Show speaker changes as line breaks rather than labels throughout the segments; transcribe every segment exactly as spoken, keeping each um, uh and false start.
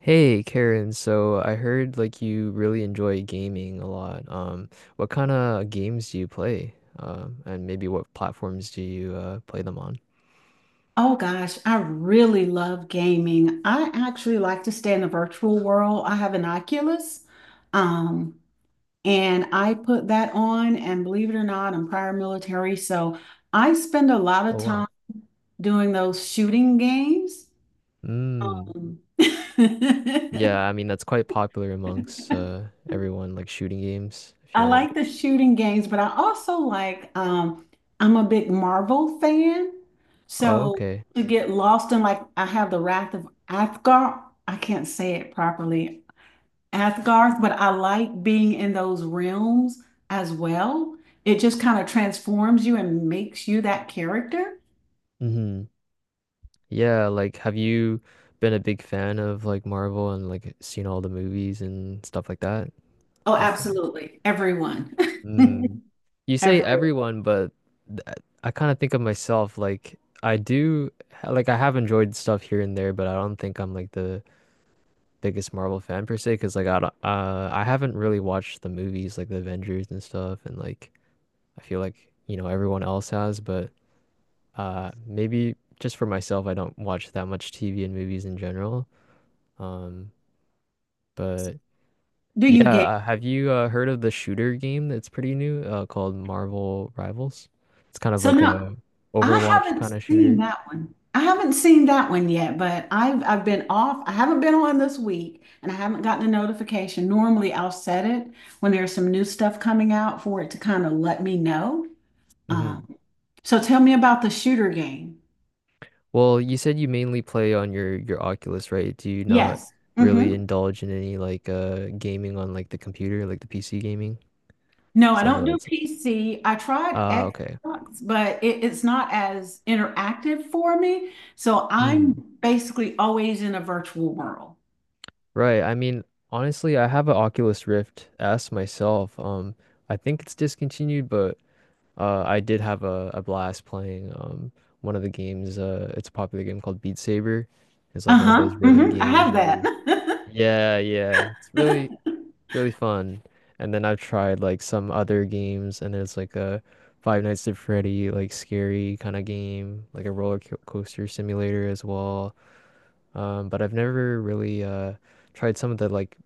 Hey Karen, so I heard like you really enjoy gaming a lot. Um, what kind of games do you play? Um, and maybe what platforms do you uh, play them on?
Oh gosh, I really love gaming. I actually like to stay in the virtual world. I have an Oculus, um, and I put that on, and believe it or not, I'm prior military, so I spend a lot of
Oh wow.
time doing those shooting games.
Mm.
Um,
Yeah,
I
I mean that's quite popular amongst uh everyone like shooting games, I feel like.
like the shooting games, but I also like um, I'm a big Marvel fan.
Oh,
So
okay.
to get lost in like I have the Wrath of Athgar, I can't say it properly. Asgarth, but I like being in those realms as well. It just kind of transforms you and makes you that character.
Hmm. Yeah, like have you been a big fan of like Marvel and like seen all the movies and stuff like that?
Oh,
What's that?
absolutely. Everyone.
Mm. You say
Everyone.
everyone, but th- I kind of think of myself like I do ha- like I have enjoyed stuff here and there, but I don't think I'm like the biggest Marvel fan per se, because like I don't, uh I haven't really watched the movies like the Avengers and stuff, and like I feel like, you know, everyone else has, but uh maybe just for myself, I don't watch that much T V and movies in general. Um, but
Do you
yeah,
get?
uh, have you uh, heard of the shooter game that's pretty new, uh, called Marvel Rivals? It's kind of
So
like
now
a
I
Overwatch
haven't
kind of
seen
shooter.
that one. I haven't seen that one yet, but I've I've been off. I haven't been on this week and I haven't gotten a notification. Normally I'll set it when there's some new stuff coming out for it to kind of let me know. Um,
Hmm.
so tell me about the shooter game.
Well, you said you mainly play on your your Oculus, right? Do you not
Yes.
really
Mm-hmm.
indulge in any like uh gaming on like the computer, like the P C gaming?
No, I
Because I
don't
know
do
that's
P C. I tried
uh okay.
Xbox, but it, it's not as interactive for me. So I'm basically always in a virtual world.
Right. I mean, honestly, I have an Oculus Rift S myself. Um, I think it's discontinued, but uh, I did have a, a blast playing um one of the games. Uh, it's a popular game called Beat Saber. It's like one of
Uh-huh.
those rhythm
hmm I
games
have
where
that.
you, yeah, yeah, it's really really fun. And then I've tried like some other games, and there's like a Five Nights at Freddy like scary kind of game, like a roller co- coaster simulator as well. Um, but I've never really uh tried some of the like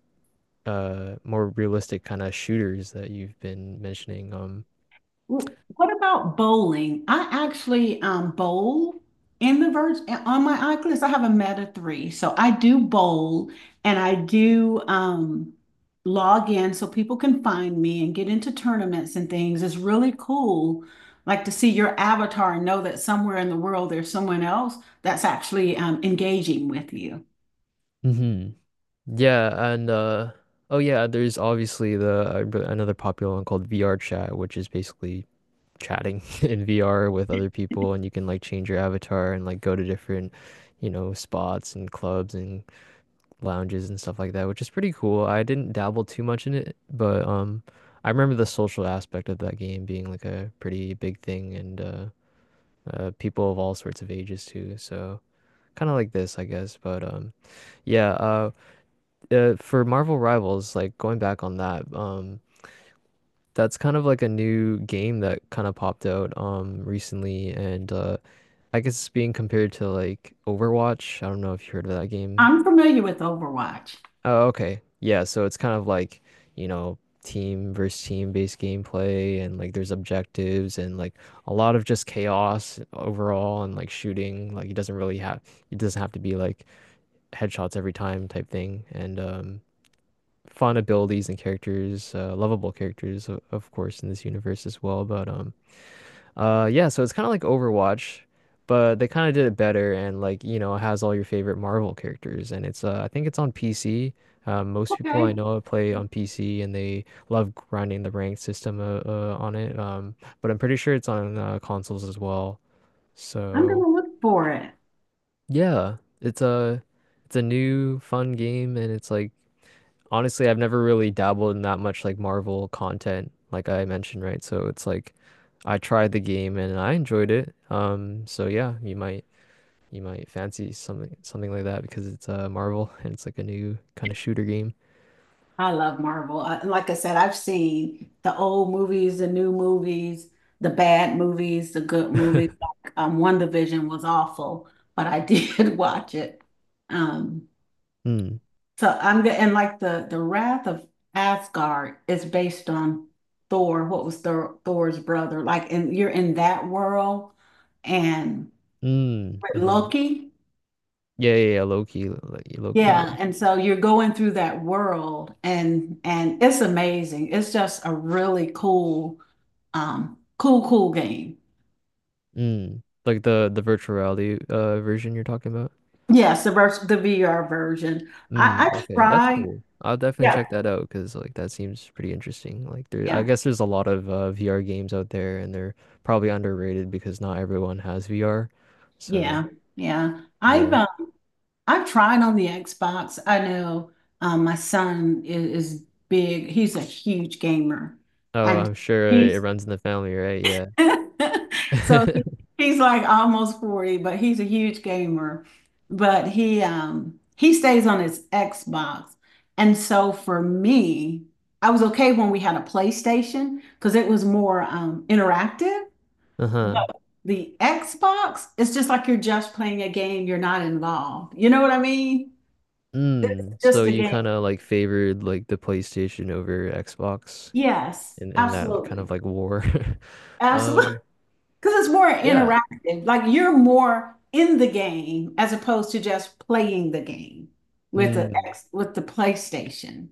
uh more realistic kind of shooters that you've been mentioning. Um,
Well, what about bowling? I actually um, bowl in the verge on my Oculus. I have a meta three, so I do bowl and I do, um, log in so people can find me and get into tournaments and things. It's really cool, like to see your avatar and know that somewhere in the world there's someone else that's actually, um, engaging with you.
hmm. Yeah, and uh oh yeah, there's obviously the uh, b- another popular one called V R chat, which is basically chatting in V R with other people, and you can like change your avatar and like go to different, you know, spots and clubs and lounges and stuff like that, which is pretty cool. I didn't dabble too much in it, but um. I remember the social aspect of that game being like a pretty big thing, and uh, uh, people of all sorts of ages too. So kind of like this, I guess. But um, yeah. Uh, uh, for Marvel Rivals, like going back on that, um, that's kind of like a new game that kind of popped out um recently, and uh, I guess it's being compared to like Overwatch. I don't know if you heard of that game.
I'm familiar with Overwatch.
Oh, okay. Yeah, so it's kind of like, you know, team versus team based gameplay, and like there's objectives, and like a lot of just chaos overall and like shooting. Like it doesn't really have it doesn't have to be like headshots every time type thing, and um fun abilities and characters, uh, lovable characters o- of course in this universe as well, but um uh yeah, so it's kind of like Overwatch, but they kind of did it better, and like, you know, it has all your favorite Marvel characters, and it's uh I think it's on P C. Um, most people I
Okay,
know play on P C and they love grinding the ranked system, uh, uh, on it. Um, but I'm pretty sure it's on uh, consoles as well.
I'm
So,
gonna look for it.
yeah, it's a it's a new fun game, and it's like honestly, I've never really dabbled in that much like Marvel content, like I mentioned, right? So it's like I tried the game and I enjoyed it. Um, so yeah, you might you might fancy something something like that because it's uh Marvel and it's like a new kind of shooter game.
I love Marvel. I, like I said, I've seen the old movies, the new movies, the bad movies, the good movies. Like, um, WandaVision was awful, but I did watch it. Um,
Mm.
so I'm good. And like the the Wrath of Asgard is based on Thor. What was Thor, Thor's brother? Like, and you're in that world, and
Mm. Hmm.
with
Mm-hmm.
Loki.
Yeah, yeah, yeah, Loki, Loki, Loki,
Yeah,
yeah.
and so you're going through that world and and it's amazing. It's just a really cool um cool cool game.
Mm. Like the the virtual reality uh version you're talking about.
Yes, the vers the VR version. i
Mm,
i
okay, that's
tried.
cool. I'll definitely
Yeah,
check that out because like that seems pretty interesting. Like there, I
yeah,
guess there's a lot of uh, V R games out there, and they're probably underrated because not everyone has V R. So
yeah, yeah. I've,
yeah.
uh, I've tried on the Xbox. I know, um my son is, is big. He's a huge gamer.
Oh,
And
I'm sure it
he's
runs in the family, right? Yeah.
so he, he's like almost forty, but he's a huge gamer. But he, um he stays on his Xbox. And so for me, I was okay when we had a PlayStation because it was more, um interactive.
Uh-huh.
But the Xbox, it's just like you're just playing a game, you're not involved. You know what I mean?
Mm,
It's
so
just a
you
game.
kind of like favored like the PlayStation over Xbox
Yes,
in in that, like, kind
absolutely.
of like war.
Absolutely.
Um,
Because it's more
yeah.
interactive. Like you're more in the game as opposed to just playing the game with the
Mm.
X with the PlayStation.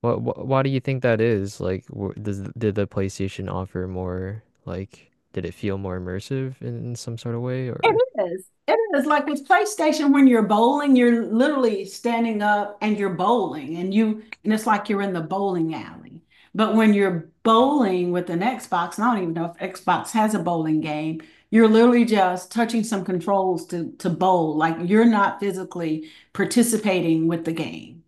What, wh Why do you think that is? Like, wh does did the PlayStation offer more? Like, did it feel more immersive in, in some sort of way,
It
or?
is. It is like with PlayStation when you're bowling, you're literally standing up and you're bowling and you and it's like you're in the bowling alley. But when you're bowling with an Xbox, and I don't even know if Xbox has a bowling game, you're literally just touching some controls to to bowl. Like you're not physically participating with the game.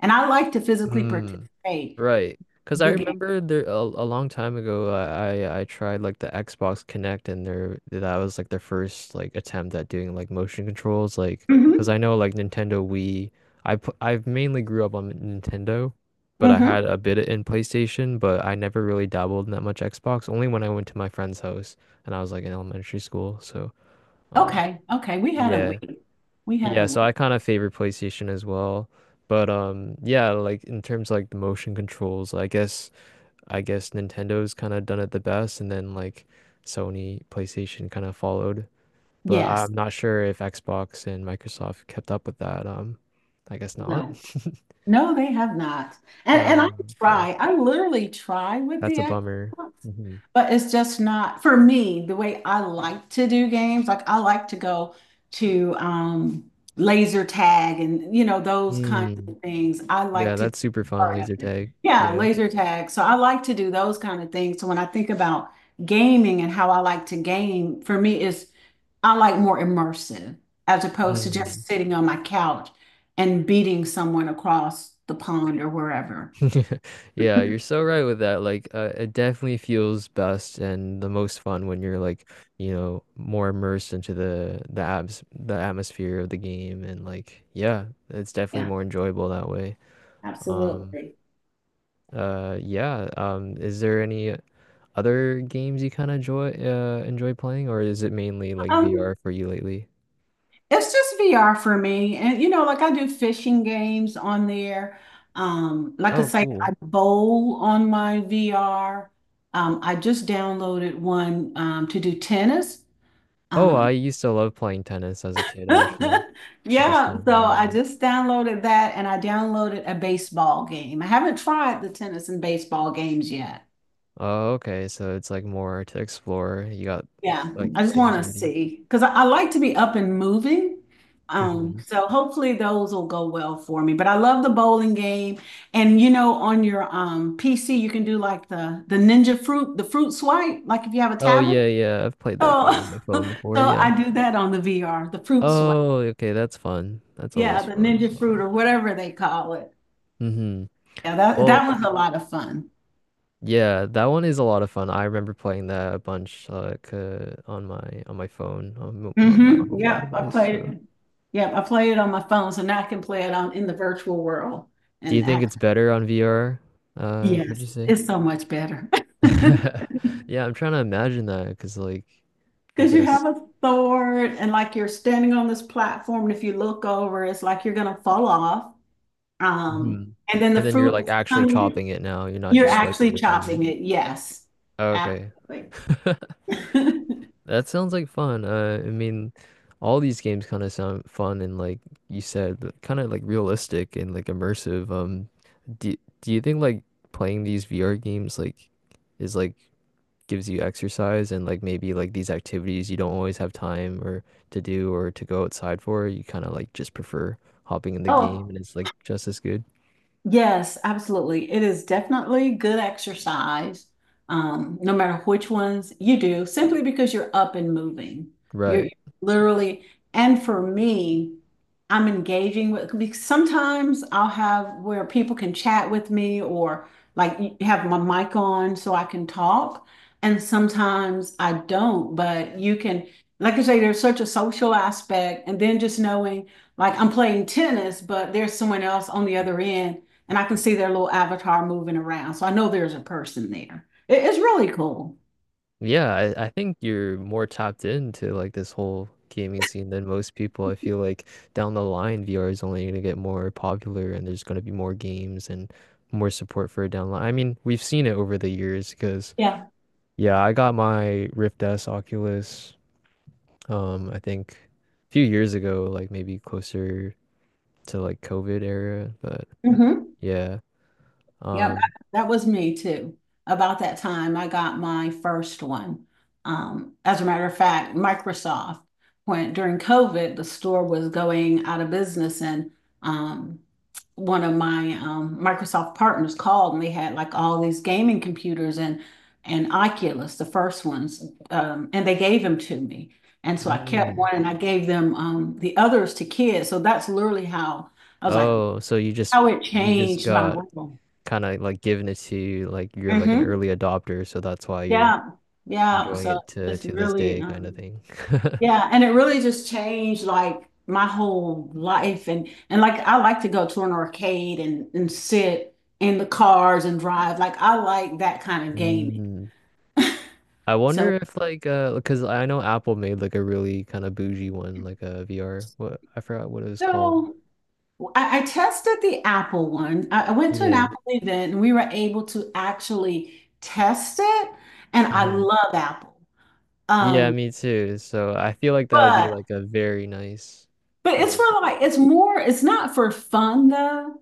And I like to physically participate
Right. Because I
the game.
remember there a, a long time ago, I, I I tried like the Xbox Connect, and there that was like their first like attempt at doing like motion controls, like because
Hmm
I know like Nintendo Wii, I pu- i mainly grew up on Nintendo, but I
hmm
had a bit in PlayStation, but I never really dabbled in that much Xbox. Only when I went to my friend's house, and I was like in elementary school. So um
Okay. Okay. We had a
yeah,
week. We had
yeah,
a
so I
week.
kind of favor PlayStation as well. But um yeah, like in terms of like the motion controls, I guess. I guess Nintendo's kind of done it the best, and then like Sony, PlayStation kind of followed. But
Yes.
I'm not sure if Xbox and Microsoft kept up with that. Um, I guess not.
No. No, they have not. And and I
Um, okay,
try, I literally try with the
that's a bummer.
Xbox,
Hmm.
but it's just not for me the way I like to do games. Like I like to go to, um laser tag and you know those kinds
Mm.
of things. I
Yeah,
like to
that's
be
super fun,
part of
laser
it.
tag.
Yeah,
Yeah.
laser tag. So I like to do those kind of things. So when I think about gaming and how I like to game, for me is I like more immersive as opposed to
Mm.
just sitting on my couch and beating someone across the pond or wherever.
Yeah, you're so right with that. Like, uh, it definitely feels best and the most fun when you're like, you know, more immersed into the the abs the atmosphere of the game, and like, yeah, it's definitely
Yeah,
more enjoyable that way. Um,
absolutely.
uh, yeah. Um, is there any other games you kind of enjoy uh enjoy playing, or is it mainly like
Um,
V R for you lately?
it's just V R for me. And you know, like I do fishing games on there. Um, like I
Oh,
say,
cool.
I bowl on my V R. Um, I just downloaded one, um, to do tennis.
Oh, I
Um,
used to love playing tennis as a kid, actually, which is
yeah,
kind of
so
funny.
I
Yeah.
just downloaded that and I downloaded a baseball game. I haven't tried the tennis and baseball games yet.
Oh, okay. So it's like more to explore. You got
Yeah,
like
I just
things
want to
ready.
see, because I, I like to be up and moving. Um,
Hmm.
so hopefully those will go well for me. But I love the bowling game. And you know, on your um P C, you can do like the the ninja fruit, the fruit swipe, like if you have a
Oh
tablet.
yeah, yeah. I've played that game
So,
on my
so
phone before. Yeah.
I do that on the V R, the fruit swipe.
Oh, okay. That's fun. That's
Yeah,
always
the
fun.
ninja fruit
Um,
or whatever they call it.
hmm.
Yeah, that
Well,
that was a lot of fun.
yeah, that one is a lot of fun. I remember playing that a bunch like uh, on my on my phone on, mo- on my
Mm-hmm.
mobile
Yep, I
device.
played
So,
it. Yep, I played it on my phone, so now I can play it on in the virtual world
do you
and
think it's
actually.
better on V R? Uh, would you
Yes,
say?
it's so much better.
Yeah, I'm trying to imagine that because like I
Because you
guess.
have a sword and like you're standing on this platform, and if you look over, it's like you're gonna fall off. Um,
Hmm.
and then the
And then you're
fruit
like
is
actually
coming.
chopping it now. You're not
You're
just swiping
actually
your finger.
chopping it. Yes,
Okay.
absolutely.
That sounds like fun. Uh, I mean, all these games kind of sound fun, and like you said, kind of like realistic and like immersive. Um, do, do you think like playing these V R games like is like gives you exercise, and like maybe like these activities you don't always have time or to do or to go outside for, you kind of like just prefer hopping in the game
Oh,
and it's like just as good.
yes, absolutely. It is definitely good exercise, um, no matter which ones you do, simply because you're up and moving. You're
Right.
literally, and for me, I'm engaging with, because sometimes I'll have where people can chat with me or like y- have my mic on so I can talk. And sometimes I don't, but you can, like I say, there's such a social aspect. And then just knowing, like, I'm playing tennis, but there's someone else on the other end and I can see their little avatar moving around. So I know there's a person there. It- it's really cool.
Yeah, I, I think you're more tapped into like this whole gaming scene than most people. I feel like down the line, V R is only going to get more popular and there's going to be more games and more support for it down the line. I mean, we've seen it over the years because,
Yeah.
yeah, I got my Rift S Oculus, um, I think a few years ago, like maybe closer to like COVID era, but
Mm-hmm.
yeah.
Yep,
Um,
that was me too. About that time, I got my first one. Um, as a matter of fact, Microsoft, when during COVID, the store was going out of business, and, um, one of my, um, Microsoft partners called, and they had like all these gaming computers and and Oculus, the first ones, um, and they gave them to me. And so I kept
mm.
one, and I gave them, um, the others to kids. So that's literally how I was like,
Oh, so you just
how it
you just
changed my
got
world.
kind of like given it to you, like you're like an
Mhm.
early adopter, so that's why you're
Yeah, yeah.
enjoying
So
it to
it's
to this
really,
day kind of
um,
thing.
yeah, and it really just changed like my whole life. And and like I like to go to an arcade and and sit in the cars and drive. Like I like that kind of gaming.
Mm. I wonder
So
if like uh because I know Apple made like a really kind of bougie one, like a V R. What, I forgot what it was called.
so I, I tested the Apple one. I, I went to an
Yeah.
Apple event and we were able to actually test it. And I
Hmm.
love Apple.
Yeah,
Um,
me too. So I feel like that would be
but
like a very nice
but
kind
it's
of
for like it's more. It's not for fun though.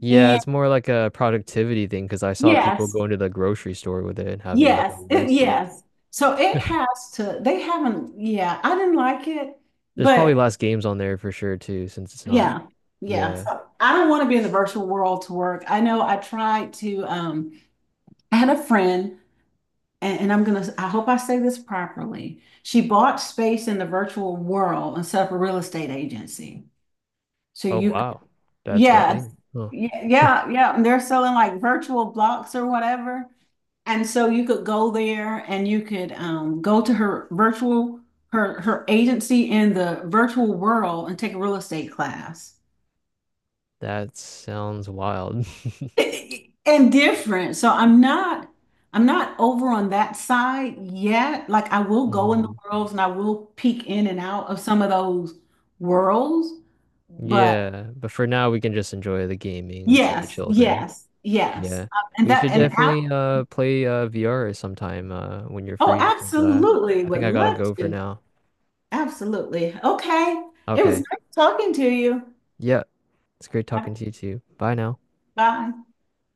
yeah, it's more like a productivity thing because I saw people
Yes,
going to the grocery store with it and having like a
yes, it,
list like
yes. So it has to, they haven't, yeah, I didn't like it,
there's probably
but
last games on there for sure too, since it's not.
yeah, yeah.
Yeah.
So I don't want to be in the virtual world to work. I know I tried to, um, I had a friend, and, and I'm gonna, I hope I say this properly. She bought space in the virtual world and set up a real estate agency. So
Oh
you, could-
wow. That's a
yes,
thing. Huh.
yeah, yeah, yeah. And they're selling like virtual blocks or whatever. And so you could go there and you could, um, go to her virtual, her her agency in the virtual world and take a real estate class.
That sounds wild.
And different. So I'm not I'm not over on that side yet. Like I will go in the
Mhm.
worlds and I will peek in and out of some of those worlds. But
Yeah, but for now we can just enjoy the gaming. It's like a
yes,
chill thing.
yes, yes.
Yeah.
Uh, And
We
that
should
and ab-
definitely uh play uh V R sometime uh when you're
oh,
free, 'cause uh
absolutely
I think
would
I gotta
love
go for
to.
now.
Absolutely. Okay. It was
Okay.
nice talking to you.
Yeah. It's great talking to you too. Bye now.
Bye.